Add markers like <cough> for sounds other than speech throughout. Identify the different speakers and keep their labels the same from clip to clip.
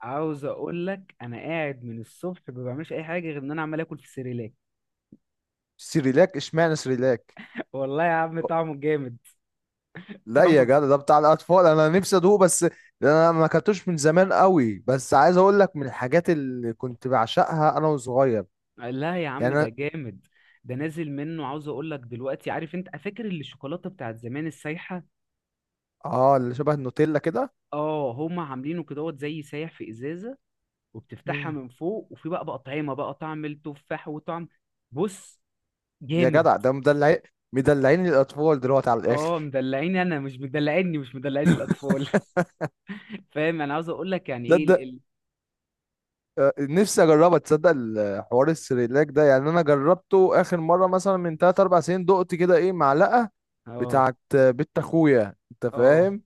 Speaker 1: عاوز اقول لك انا قاعد من الصبح ما بعملش اي حاجه غير ان انا عمال اكل في سيريلاك.
Speaker 2: سريلاك، اشمعنى سريلاك؟
Speaker 1: <laughs> والله يا عم طعمه جامد.
Speaker 2: لا يا
Speaker 1: طعمه ج...
Speaker 2: جدع، ده بتاع الاطفال. انا نفسي ادوقه بس. ده انا ما اكلتوش من زمان قوي، بس عايز اقول لك، من الحاجات اللي كنت بعشقها انا وصغير.
Speaker 1: لا يا عم
Speaker 2: يعني
Speaker 1: ده
Speaker 2: أنا-
Speaker 1: جامد. ده نازل منه. عاوز اقول لك دلوقتي، عارف انت فاكر اللي الشوكولاته بتاعت زمان السايحه؟
Speaker 2: اه، اللي شبه النوتيلا كده.
Speaker 1: اه، هما عاملينه كدهوت زي سايح في ازازه، وبتفتحها
Speaker 2: مم.
Speaker 1: من فوق، وفي بقى طعمه بقى طعم التفاح وطعم. بص،
Speaker 2: يا
Speaker 1: جامد.
Speaker 2: جدع، ده مدلعين الاطفال دلوقتي على
Speaker 1: اه،
Speaker 2: الاخر.
Speaker 1: مدلعيني، انا مش مدلعيني، مش مدلعين الاطفال. <laughs> فاهم. انا عاوز اقول لك يعني
Speaker 2: ده
Speaker 1: ايه
Speaker 2: ده آه، نفسي اجربها. تصدق حوار السريلاك ده؟ يعني انا جربته اخر مره مثلا من 3 4 سنين. دقت كده ايه معلقه
Speaker 1: اه
Speaker 2: بتاعت بنت اخويا، انت
Speaker 1: اه
Speaker 2: فاهم.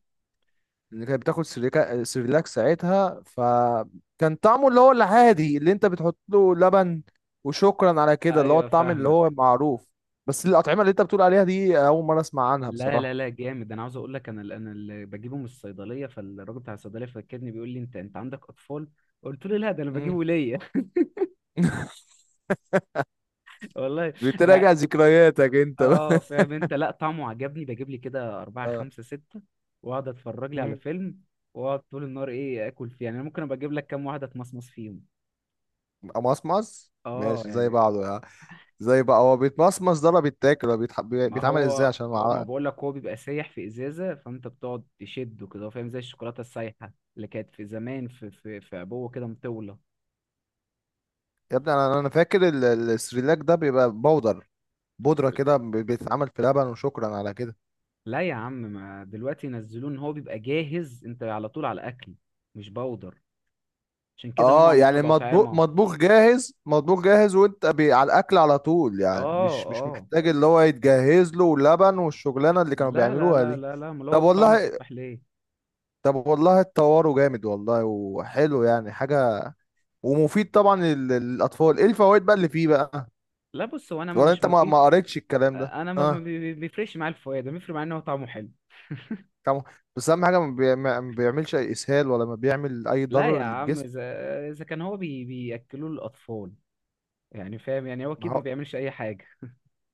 Speaker 2: اللي كانت بتاخد سيريلاك ساعتها. فكان طعمه اللي هو العادي، اللي انت بتحط له لبن وشكرا على كده، اللي هو
Speaker 1: ايوه،
Speaker 2: الطعم اللي هو
Speaker 1: فاهمك.
Speaker 2: معروف. بس الأطعمة اللي انت بتقول عليها دي أول مرة أسمع عنها
Speaker 1: لا لا
Speaker 2: بصراحة.
Speaker 1: لا جامد. انا عاوز اقول لك، انا اللي بجيبه من الصيدليه، فالراجل بتاع الصيدليه فكرني بيقول لي انت عندك اطفال؟ قلت له لا، ده انا
Speaker 2: مم.
Speaker 1: بجيبه ليا.
Speaker 2: <laughs>
Speaker 1: <laughs> والله. لا
Speaker 2: بتراجع ذكرياتك انت
Speaker 1: اه،
Speaker 2: بقى.
Speaker 1: فاهم انت. لا، طعمه عجبني، بجيب لي كده اربعه
Speaker 2: <laughs> اه.
Speaker 1: خمسه سته واقعد اتفرج لي على
Speaker 2: مم.
Speaker 1: فيلم، واقعد طول النهار ايه اكل فيه. يعني انا ممكن ابقى اجيب لك كام واحده اتمصمص فيهم.
Speaker 2: مصمص،
Speaker 1: اه
Speaker 2: ماشي، زي
Speaker 1: يعني.
Speaker 2: بعضه يعني. زي بقى هو بيتمصمص ده، ولا بيتاكل، ولا
Speaker 1: ما
Speaker 2: بيتعمل ازاي
Speaker 1: هو
Speaker 2: عشان
Speaker 1: هو ما بقول لك، هو بيبقى سايح في ازازه، فانت بتقعد تشده كده، فاهم؟ زي الشوكولاته السايحه اللي كانت في زمان، في في عبوه كده مطوله.
Speaker 2: يا ابني، انا فاكر السريلاك ده بيبقى بودر. بودرة كده بيتعمل في لبن وشكرا على كده.
Speaker 1: لا يا عم، ما دلوقتي ينزلوه ان هو بيبقى جاهز، انت على طول على اكل، مش بودر. عشان كده هم
Speaker 2: اه،
Speaker 1: عاملينه
Speaker 2: يعني مطبوخ
Speaker 1: بأطعمة.
Speaker 2: مطبوخ جاهز، مطبوخ جاهز، وانت بي على الاكل على طول. يعني
Speaker 1: اه
Speaker 2: مش
Speaker 1: اه.
Speaker 2: محتاج اللي هو يتجهز له ولبن والشغلانه اللي كانوا
Speaker 1: لا لا
Speaker 2: بيعملوها
Speaker 1: لا
Speaker 2: دي.
Speaker 1: لا لا، امال هو
Speaker 2: طب
Speaker 1: بطعم
Speaker 2: والله.
Speaker 1: التفاح ليه؟
Speaker 2: طب والله، اتطوروا جامد والله، وحلو يعني حاجه. ومفيد طبعا للاطفال. ايه الفوائد بقى اللي فيه بقى؟
Speaker 1: لا بص، هو انا ما
Speaker 2: ولا
Speaker 1: مش
Speaker 2: انت ما
Speaker 1: مفيد.
Speaker 2: قريتش الكلام ده؟
Speaker 1: انا ما ما
Speaker 2: اه.
Speaker 1: بي- بي- بيفرقش معايا الفوائد، بيفرق معايا ان هو طعمه حلو.
Speaker 2: طبعا. بس اهم حاجه ما بيعملش اي اسهال، ولا ما بيعمل اي
Speaker 1: لا يا
Speaker 2: ضرر
Speaker 1: عم،
Speaker 2: للجسم.
Speaker 1: اذا كان هو بياكلوه للاطفال يعني، فاهم؟ يعني هو
Speaker 2: ما
Speaker 1: اكيد ما
Speaker 2: هو
Speaker 1: بيعملش اي حاجه.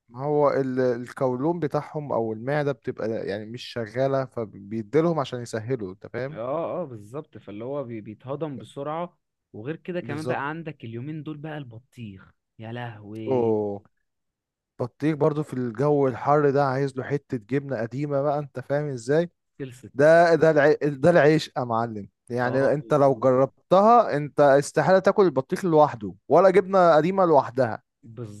Speaker 2: ما هو القولون بتاعهم او المعده بتبقى يعني مش شغاله، فبيديلهم عشان يسهلوا، انت فاهم.
Speaker 1: اه اه، بالظبط. فاللي هو بيتهضم بسرعه. وغير كده كمان
Speaker 2: بالظبط.
Speaker 1: بقى، عندك اليومين دول بقى البطيخ. يا لهوي،
Speaker 2: اوه، بطيخ برضو في الجو الحر ده عايز له حته جبنه قديمه بقى، انت فاهم ازاي.
Speaker 1: خلصت.
Speaker 2: ده العيش يا معلم.
Speaker 1: اه،
Speaker 2: يعني انت لو جربتها، انت استحاله تاكل البطيخ لوحده ولا جبنه قديمه لوحدها.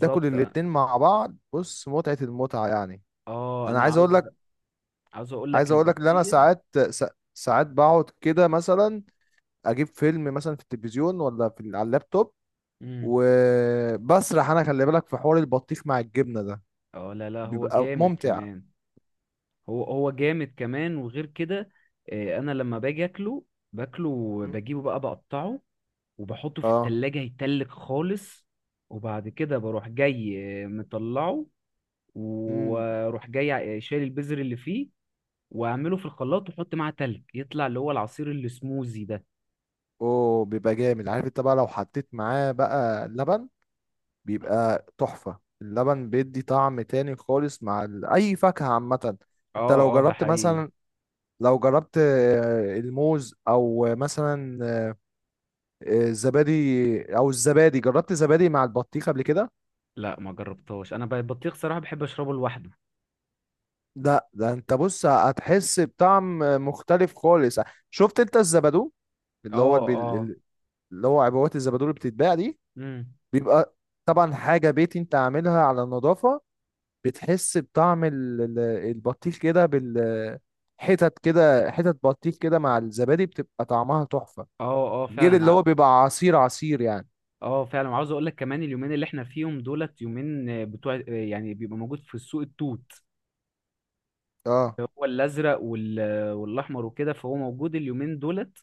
Speaker 2: تاكل الاتنين مع بعض، بص، متعه المتعه يعني.
Speaker 1: اه،
Speaker 2: انا
Speaker 1: انا
Speaker 2: عايز اقول لك،
Speaker 1: عاوز اقول لك
Speaker 2: ان انا
Speaker 1: البطيخ.
Speaker 2: ساعات، سا- ساعات بقعد كده مثلا، اجيب فيلم مثلا في التلفزيون ولا في على اللابتوب.
Speaker 1: امم،
Speaker 2: وبسرح انا، خلي بالك، في حوار البطيخ مع الجبنه ده.
Speaker 1: اه، لا لا، هو
Speaker 2: بيبقى
Speaker 1: جامد
Speaker 2: ممتع.
Speaker 1: كمان. هو جامد كمان، وغير كده انا لما باجي اكله، باكله،
Speaker 2: مم.
Speaker 1: بجيبه بقى بقطعه، وبحطه في
Speaker 2: اه.
Speaker 1: التلاجة يتلج خالص. وبعد كده بروح جاي مطلعه،
Speaker 2: امم.
Speaker 1: واروح جاي شايل البذر اللي فيه، واعمله في الخلاط واحط معاه تلج، يطلع اللي هو العصير اللي سموزي ده.
Speaker 2: اوه، بيبقى جامد. عارف انت بقى، لو حطيت معاه بقى لبن، بيبقى تحفة. اللبن بيدي طعم تاني خالص مع اي فاكهة عامة. انت لو
Speaker 1: اه اه، ده
Speaker 2: جربت
Speaker 1: حقيقي.
Speaker 2: مثلا، لو جربت آه، الموز، او مثلا الزبادي، جربت زبادي مع البطيخ قبل كده؟
Speaker 1: لا ما جربتهاش، انا بقى البطيخ صراحه بحب اشربه لوحده.
Speaker 2: لا ده، انت بص، هتحس بطعم مختلف خالص. شفت انت الزبادو، اللي هو
Speaker 1: اه اه
Speaker 2: بال- اللي هو عبوات الزبادو اللي بتتباع دي،
Speaker 1: امم
Speaker 2: بيبقى طبعا حاجة بيتي انت عاملها على النظافة. بتحس بطعم البطيخ كده بالحتت كده، حتت بطيخ كده مع الزبادي، بتبقى طعمها تحفة.
Speaker 1: اه اه
Speaker 2: غير
Speaker 1: فعلا
Speaker 2: اللي هو بيبقى عصير، عصير يعني.
Speaker 1: اه فعلا. وعاوز اقول لك كمان، اليومين اللي احنا فيهم دولت، يومين بتوع يعني بيبقى موجود في السوق التوت،
Speaker 2: اه.
Speaker 1: هو الازرق والاحمر وكده، فهو موجود اليومين دولت.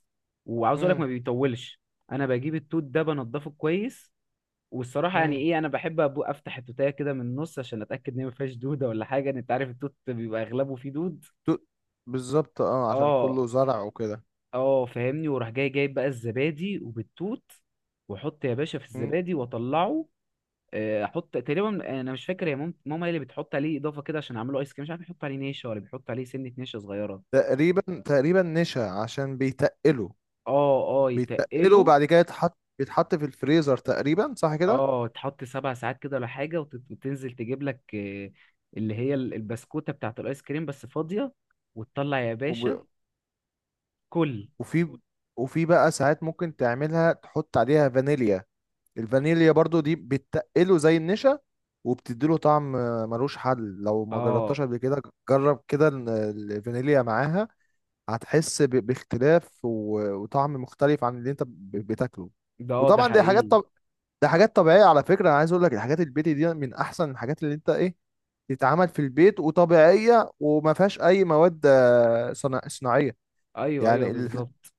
Speaker 1: وعاوز اقول لك
Speaker 2: امم.
Speaker 1: ما بيطولش. انا بجيب التوت ده بنضفه كويس، والصراحه يعني
Speaker 2: امم.
Speaker 1: ايه، انا بحب أبو افتح التوتايه كده من النص عشان اتاكد ان هي ما فيهاش دوده ولا حاجه، إن انت عارف التوت بيبقى اغلبه فيه دود.
Speaker 2: بالظبط، اه، عشان
Speaker 1: اه
Speaker 2: كله زرع وكده.
Speaker 1: اه، فاهمني. وراح جاي جايب بقى الزبادي وبالتوت، واحط يا باشا في
Speaker 2: مم.
Speaker 1: الزبادي واطلعه. احط تقريبا، انا مش فاكر، يا ماما هي اللي بتحط عليه اضافه كده عشان اعمله ايس كريم، مش عارف يحط عليه نشا ولا بيحط عليه سنه نشا صغيره.
Speaker 2: تقريبا، تقريبا نشا، عشان بيتقله.
Speaker 1: اه اه،
Speaker 2: بيتقلوا.
Speaker 1: يتقله.
Speaker 2: وبعد كده بيتحط في الفريزر، تقريبا صح كده.
Speaker 1: اه، تحط 7 ساعات كده ولا حاجه وتنزل تجيب لك اللي هي البسكوته بتاعت الايس كريم بس فاضيه، وتطلع يا باشا
Speaker 2: وب...
Speaker 1: كل.
Speaker 2: وفي وفي بقى ساعات ممكن تعملها تحط عليها فانيليا. الفانيليا برضو دي بتقله زي النشا، وبتديله طعم، ملوش حل لو ما
Speaker 1: اه.
Speaker 2: جربتهاش قبل كده. جرب كده الفانيليا معاها. هتحس باختلاف وطعم مختلف عن اللي انت بتاكله.
Speaker 1: ده
Speaker 2: وطبعا دي حاجات،
Speaker 1: حقيقي.
Speaker 2: ده حاجات طبيعية، على فكرة. أنا عايز أقول لك، الحاجات البيتي دي من أحسن الحاجات اللي أنت إيه، تتعمل في البيت، وطبيعية، وما فيهاش أي مواد صناعية.
Speaker 1: ايوه ايوه،
Speaker 2: يعني
Speaker 1: بالظبط.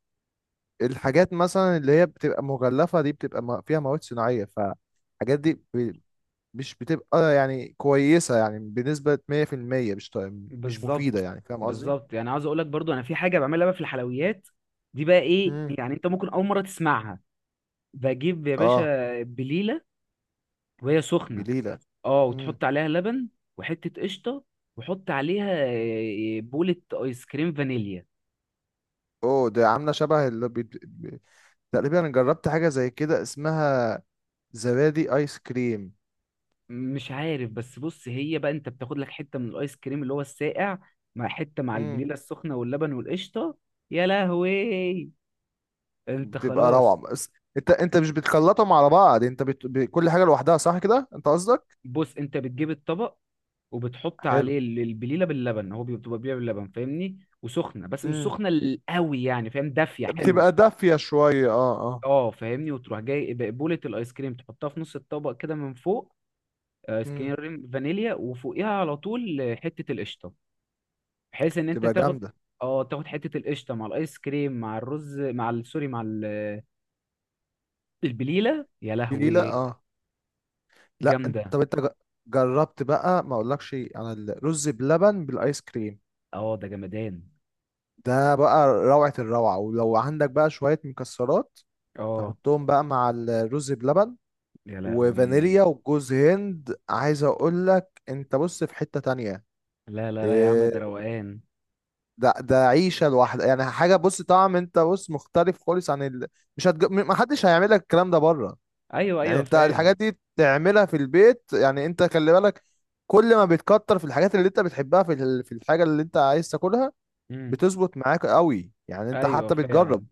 Speaker 2: الحاجات مثلا اللي هي بتبقى مغلفة دي بتبقى فيها مواد صناعية، فالحاجات دي مش بتبقى يعني كويسة، يعني بنسبة 100% مش مش مفيدة،
Speaker 1: بالظبط
Speaker 2: يعني فاهم قصدي؟
Speaker 1: بالظبط يعني. عاوز اقول لك برضو، انا في حاجه بعملها بقى في الحلويات دي بقى ايه،
Speaker 2: امم.
Speaker 1: يعني انت ممكن اول مره تسمعها. بجيب يا
Speaker 2: اه.
Speaker 1: باشا بليله وهي سخنه.
Speaker 2: بليلة.
Speaker 1: اه،
Speaker 2: امم.
Speaker 1: وتحط عليها لبن وحته قشطه، وحط عليها بولة ايس كريم فانيليا.
Speaker 2: اوه، ده عاملة شبه اللي تقريبا أنا جربت حاجة زي كده اسمها زبادي ايس كريم.
Speaker 1: مش عارف، بس بص، هي بقى انت بتاخد لك حته من الايس كريم اللي هو الساقع، مع حته مع
Speaker 2: مم.
Speaker 1: البليله السخنه واللبن والقشطه. يا لهوي. انت
Speaker 2: بتبقى روعة
Speaker 1: خلاص.
Speaker 2: بس. انت مش بتخلطهم على بعض، انت كل حاجة لوحدها، صح كده انت قصدك؟
Speaker 1: بص، انت بتجيب الطبق وبتحط
Speaker 2: حلو.
Speaker 1: عليه البليله باللبن، هو بيبقى بليله باللبن فاهمني، وسخنه، بس مش
Speaker 2: امم.
Speaker 1: سخنه قوي يعني، فاهم؟ دافيه حلوه.
Speaker 2: بتبقى دافية شوية، اه. اه.
Speaker 1: اه، فاهمني. وتروح جاي بقبوله الايس كريم تحطها في نص الطبق كده من فوق، ايس
Speaker 2: امم.
Speaker 1: كريم فانيليا، وفوقيها على طول حته القشطه، بحيث ان انت
Speaker 2: بتبقى
Speaker 1: تاخد
Speaker 2: جامدة.
Speaker 1: اه تاخد حته القشطه مع الايس كريم مع الرز مع سوري، مع البليله. يا
Speaker 2: بليلة،
Speaker 1: لهوي،
Speaker 2: اه. لا انت،
Speaker 1: جامده.
Speaker 2: طب انت جربت بقى، ما اقولكش انا، الرز بلبن بالايس كريم؟
Speaker 1: اه، ده جمدان.
Speaker 2: ده بقى روعة الروعة. ولو عندك بقى شوية مكسرات،
Speaker 1: اه،
Speaker 2: تحطهم بقى مع الرز بلبن
Speaker 1: يا لهوي.
Speaker 2: وفانيليا وجوز هند. عايز اقولك انت بص، في حتة تانية،
Speaker 1: لا لا لا يا عم،
Speaker 2: آه،
Speaker 1: ده روقان.
Speaker 2: ده عيشه لوحدها، يعني حاجه، بص، طعم انت بص مختلف خالص عن مش هتج... م- ما حدش هيعمل لك الكلام ده بره.
Speaker 1: ايوه
Speaker 2: يعني
Speaker 1: ايوه،
Speaker 2: انت
Speaker 1: فاهم.
Speaker 2: الحاجات دي تعملها في البيت. يعني انت خلي بالك، كل ما بتكتر في الحاجات اللي انت بتحبها في في الحاجه اللي انت عايز تاكلها،
Speaker 1: إمم.
Speaker 2: بتظبط معاك قوي. يعني انت
Speaker 1: ايوه،
Speaker 2: حتى بتجرب،
Speaker 1: فعلا.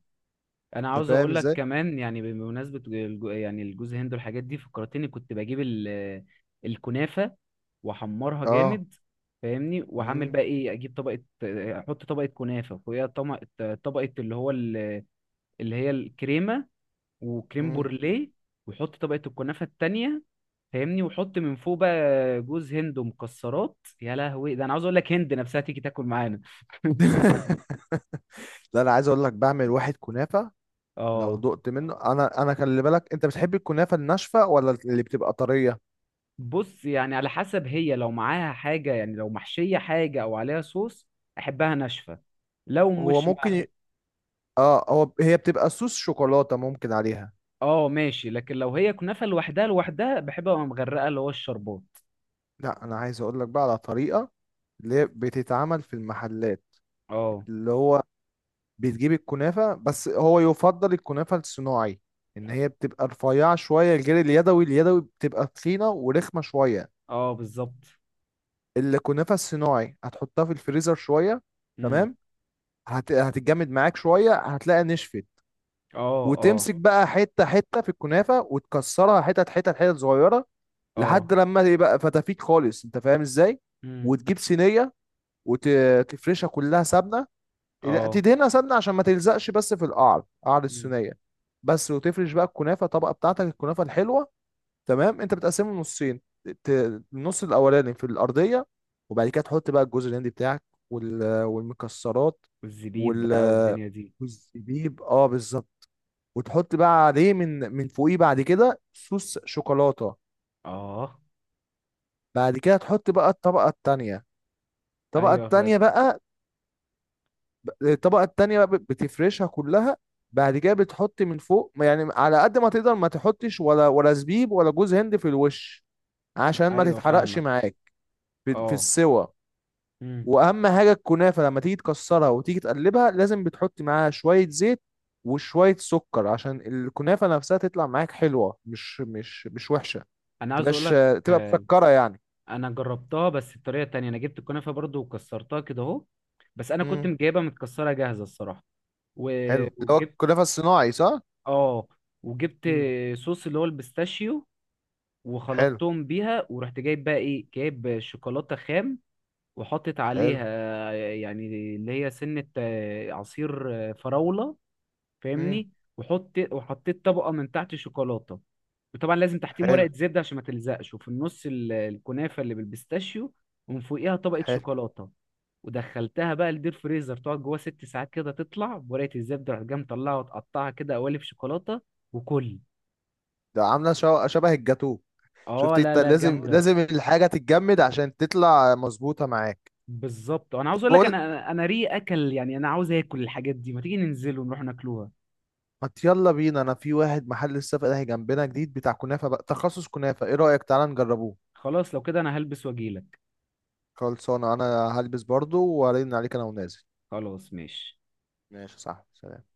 Speaker 1: انا
Speaker 2: انت
Speaker 1: عاوز
Speaker 2: فاهم
Speaker 1: اقول لك
Speaker 2: ازاي.
Speaker 1: كمان، يعني بمناسبه يعني الجوز هند والحاجات دي فكرتني، كنت بجيب الكنافه واحمرها
Speaker 2: اه.
Speaker 1: جامد فاهمني، واعمل بقى
Speaker 2: امم.
Speaker 1: ايه، اجيب طبقه، احط طبقه كنافه، فوقيها طبقه اللي هي الكريمه وكريم
Speaker 2: امم.
Speaker 1: بورليه، واحط طبقه الكنافه التانية فاهمني، واحط من فوق بقى جوز هند ومكسرات. يا لهوي، ده انا عاوز اقول لك هند نفسها تيجي تاكل معانا. <laughs>
Speaker 2: <laughs> لا، انا عايز اقول لك، بعمل واحد كنافه لو
Speaker 1: اه،
Speaker 2: دقت منه. انا خلي بالك، انت بتحب الكنافه الناشفه ولا اللي بتبقى طريه؟
Speaker 1: بص يعني على حسب، هي لو معاها حاجة يعني، لو محشية حاجة أو عليها صوص، أحبها ناشفة. لو
Speaker 2: هو
Speaker 1: مش مع،
Speaker 2: ممكن، اه، هو هي بتبقى صوص شوكولاتة ممكن عليها.
Speaker 1: اه ماشي، لكن لو هي كنافة لوحدها، لوحدها بحبها وهي مغرقة اللي هو الشربات.
Speaker 2: لا، انا عايز اقول لك بقى على طريقة اللي هي بتتعمل في المحلات،
Speaker 1: اه
Speaker 2: اللي هو بتجيب الكنافة، بس هو يفضل الكنافة الصناعي، ان هي بتبقى رفيعة شوية غير اليدوي. اليدوي بتبقى تخينة ورخمة شوية.
Speaker 1: اه، بالظبط.
Speaker 2: الكنافة الصناعي هتحطها في الفريزر شوية،
Speaker 1: امم
Speaker 2: تمام. هتتجمد معاك شوية، هتلاقي نشفت.
Speaker 1: اه اه
Speaker 2: وتمسك بقى حتة حتة في الكنافة، وتكسرها حتت حتت حتت صغيرة، لحد
Speaker 1: اه
Speaker 2: لما يبقى فتافيت خالص، انت فاهم ازاي.
Speaker 1: امم
Speaker 2: وتجيب صينيه، وتفرشها كلها سمنه.
Speaker 1: اه
Speaker 2: تدهنها سمنه عشان ما تلزقش، بس في القعر، قعر
Speaker 1: امم،
Speaker 2: الصينيه بس. وتفرش بقى الكنافه، الطبقه بتاعتك، الكنافه الحلوه، تمام. انت بتقسمه نصين. ت- النص الاولاني في الارضيه. وبعد كده تحط بقى الجوز الهندي بتاعك، والمكسرات،
Speaker 1: والزبيب بقى
Speaker 2: وال
Speaker 1: والدنيا دي.
Speaker 2: والزبيب، اه بالظبط. وتحط بقى عليه من فوقيه بعد كده صوص شوكولاته.
Speaker 1: اه،
Speaker 2: بعد كده تحط بقى الطبقة التانية. الطبقة
Speaker 1: ايوه فاهم.
Speaker 2: التانية بقى الطبقة التانية بقى بتفرشها كلها. بعد كده بتحط من فوق، يعني على قد ما تقدر ما تحطش، ولا زبيب، ولا جوز هند في الوش، عشان ما
Speaker 1: ايوه
Speaker 2: تتحرقش
Speaker 1: فاهمك.
Speaker 2: معاك في
Speaker 1: اه
Speaker 2: السوا.
Speaker 1: امم.
Speaker 2: واهم حاجة، الكنافة لما تيجي تكسرها وتيجي تقلبها، لازم بتحط معاها شوية زيت وشوية سكر، عشان الكنافة نفسها تطلع معاك حلوة، مش وحشة،
Speaker 1: انا عاوز اقول
Speaker 2: تبقاش
Speaker 1: لك،
Speaker 2: تبقى مسكرة يعني.
Speaker 1: انا جربتها بس بطريقه تانية. انا جبت الكنافه برضو وكسرتها كده اهو، بس انا كنت
Speaker 2: امم.
Speaker 1: مجايبها متكسره جاهزه الصراحه.
Speaker 2: حلو،
Speaker 1: و-
Speaker 2: اللي هو
Speaker 1: وجبت
Speaker 2: الكنافه الصناعي، صح.
Speaker 1: اه وجبت
Speaker 2: مم.
Speaker 1: صوص اللي هو البيستاشيو
Speaker 2: حلو.
Speaker 1: وخلطتهم بيها، ورحت جايب بقى ايه، جايب شوكولاته خام وحطت
Speaker 2: حلو.
Speaker 1: عليها، يعني اللي هي سنه عصير فراوله
Speaker 2: امم.
Speaker 1: فاهمني. وحطيت طبقه من تحت شوكولاته، وطبعا لازم تحتيهم
Speaker 2: حلو.
Speaker 1: ورقه زبده عشان ما تلزقش، وفي النص الكنافه اللي بالبيستاشيو، ومن فوقيها طبقه
Speaker 2: حلو.
Speaker 1: شوكولاته. ودخلتها بقى الدير فريزر تقعد جوه 6 ساعات كده، تطلع بورقه الزبده، رحت جاي مطلعها وتقطعها كده قوالب شوكولاته وكل.
Speaker 2: ده عامله شبه الجاتو.
Speaker 1: اه،
Speaker 2: شفت
Speaker 1: لا
Speaker 2: انت،
Speaker 1: لا
Speaker 2: لازم
Speaker 1: جامده.
Speaker 2: لازم الحاجه تتجمد عشان تطلع مظبوطه معاك.
Speaker 1: بالظبط. انا عاوز اقول لك،
Speaker 2: بقول،
Speaker 1: انا ري اكل يعني، انا عاوز اكل الحاجات دي، ما تيجي ننزل ونروح ناكلوها.
Speaker 2: ما ت- يلا بينا، انا في واحد محل لسه فاتح جنبنا جديد بتاع كنافه بقى، تخصص كنافه، ايه رايك، تعالى نجربوه.
Speaker 1: خلاص، لو كده انا هلبس واجيلك.
Speaker 2: خلصانه انا، هلبس برضو وارن عليك انا ونازل.
Speaker 1: خلاص ماشي.
Speaker 2: ماشي، صح، سلام.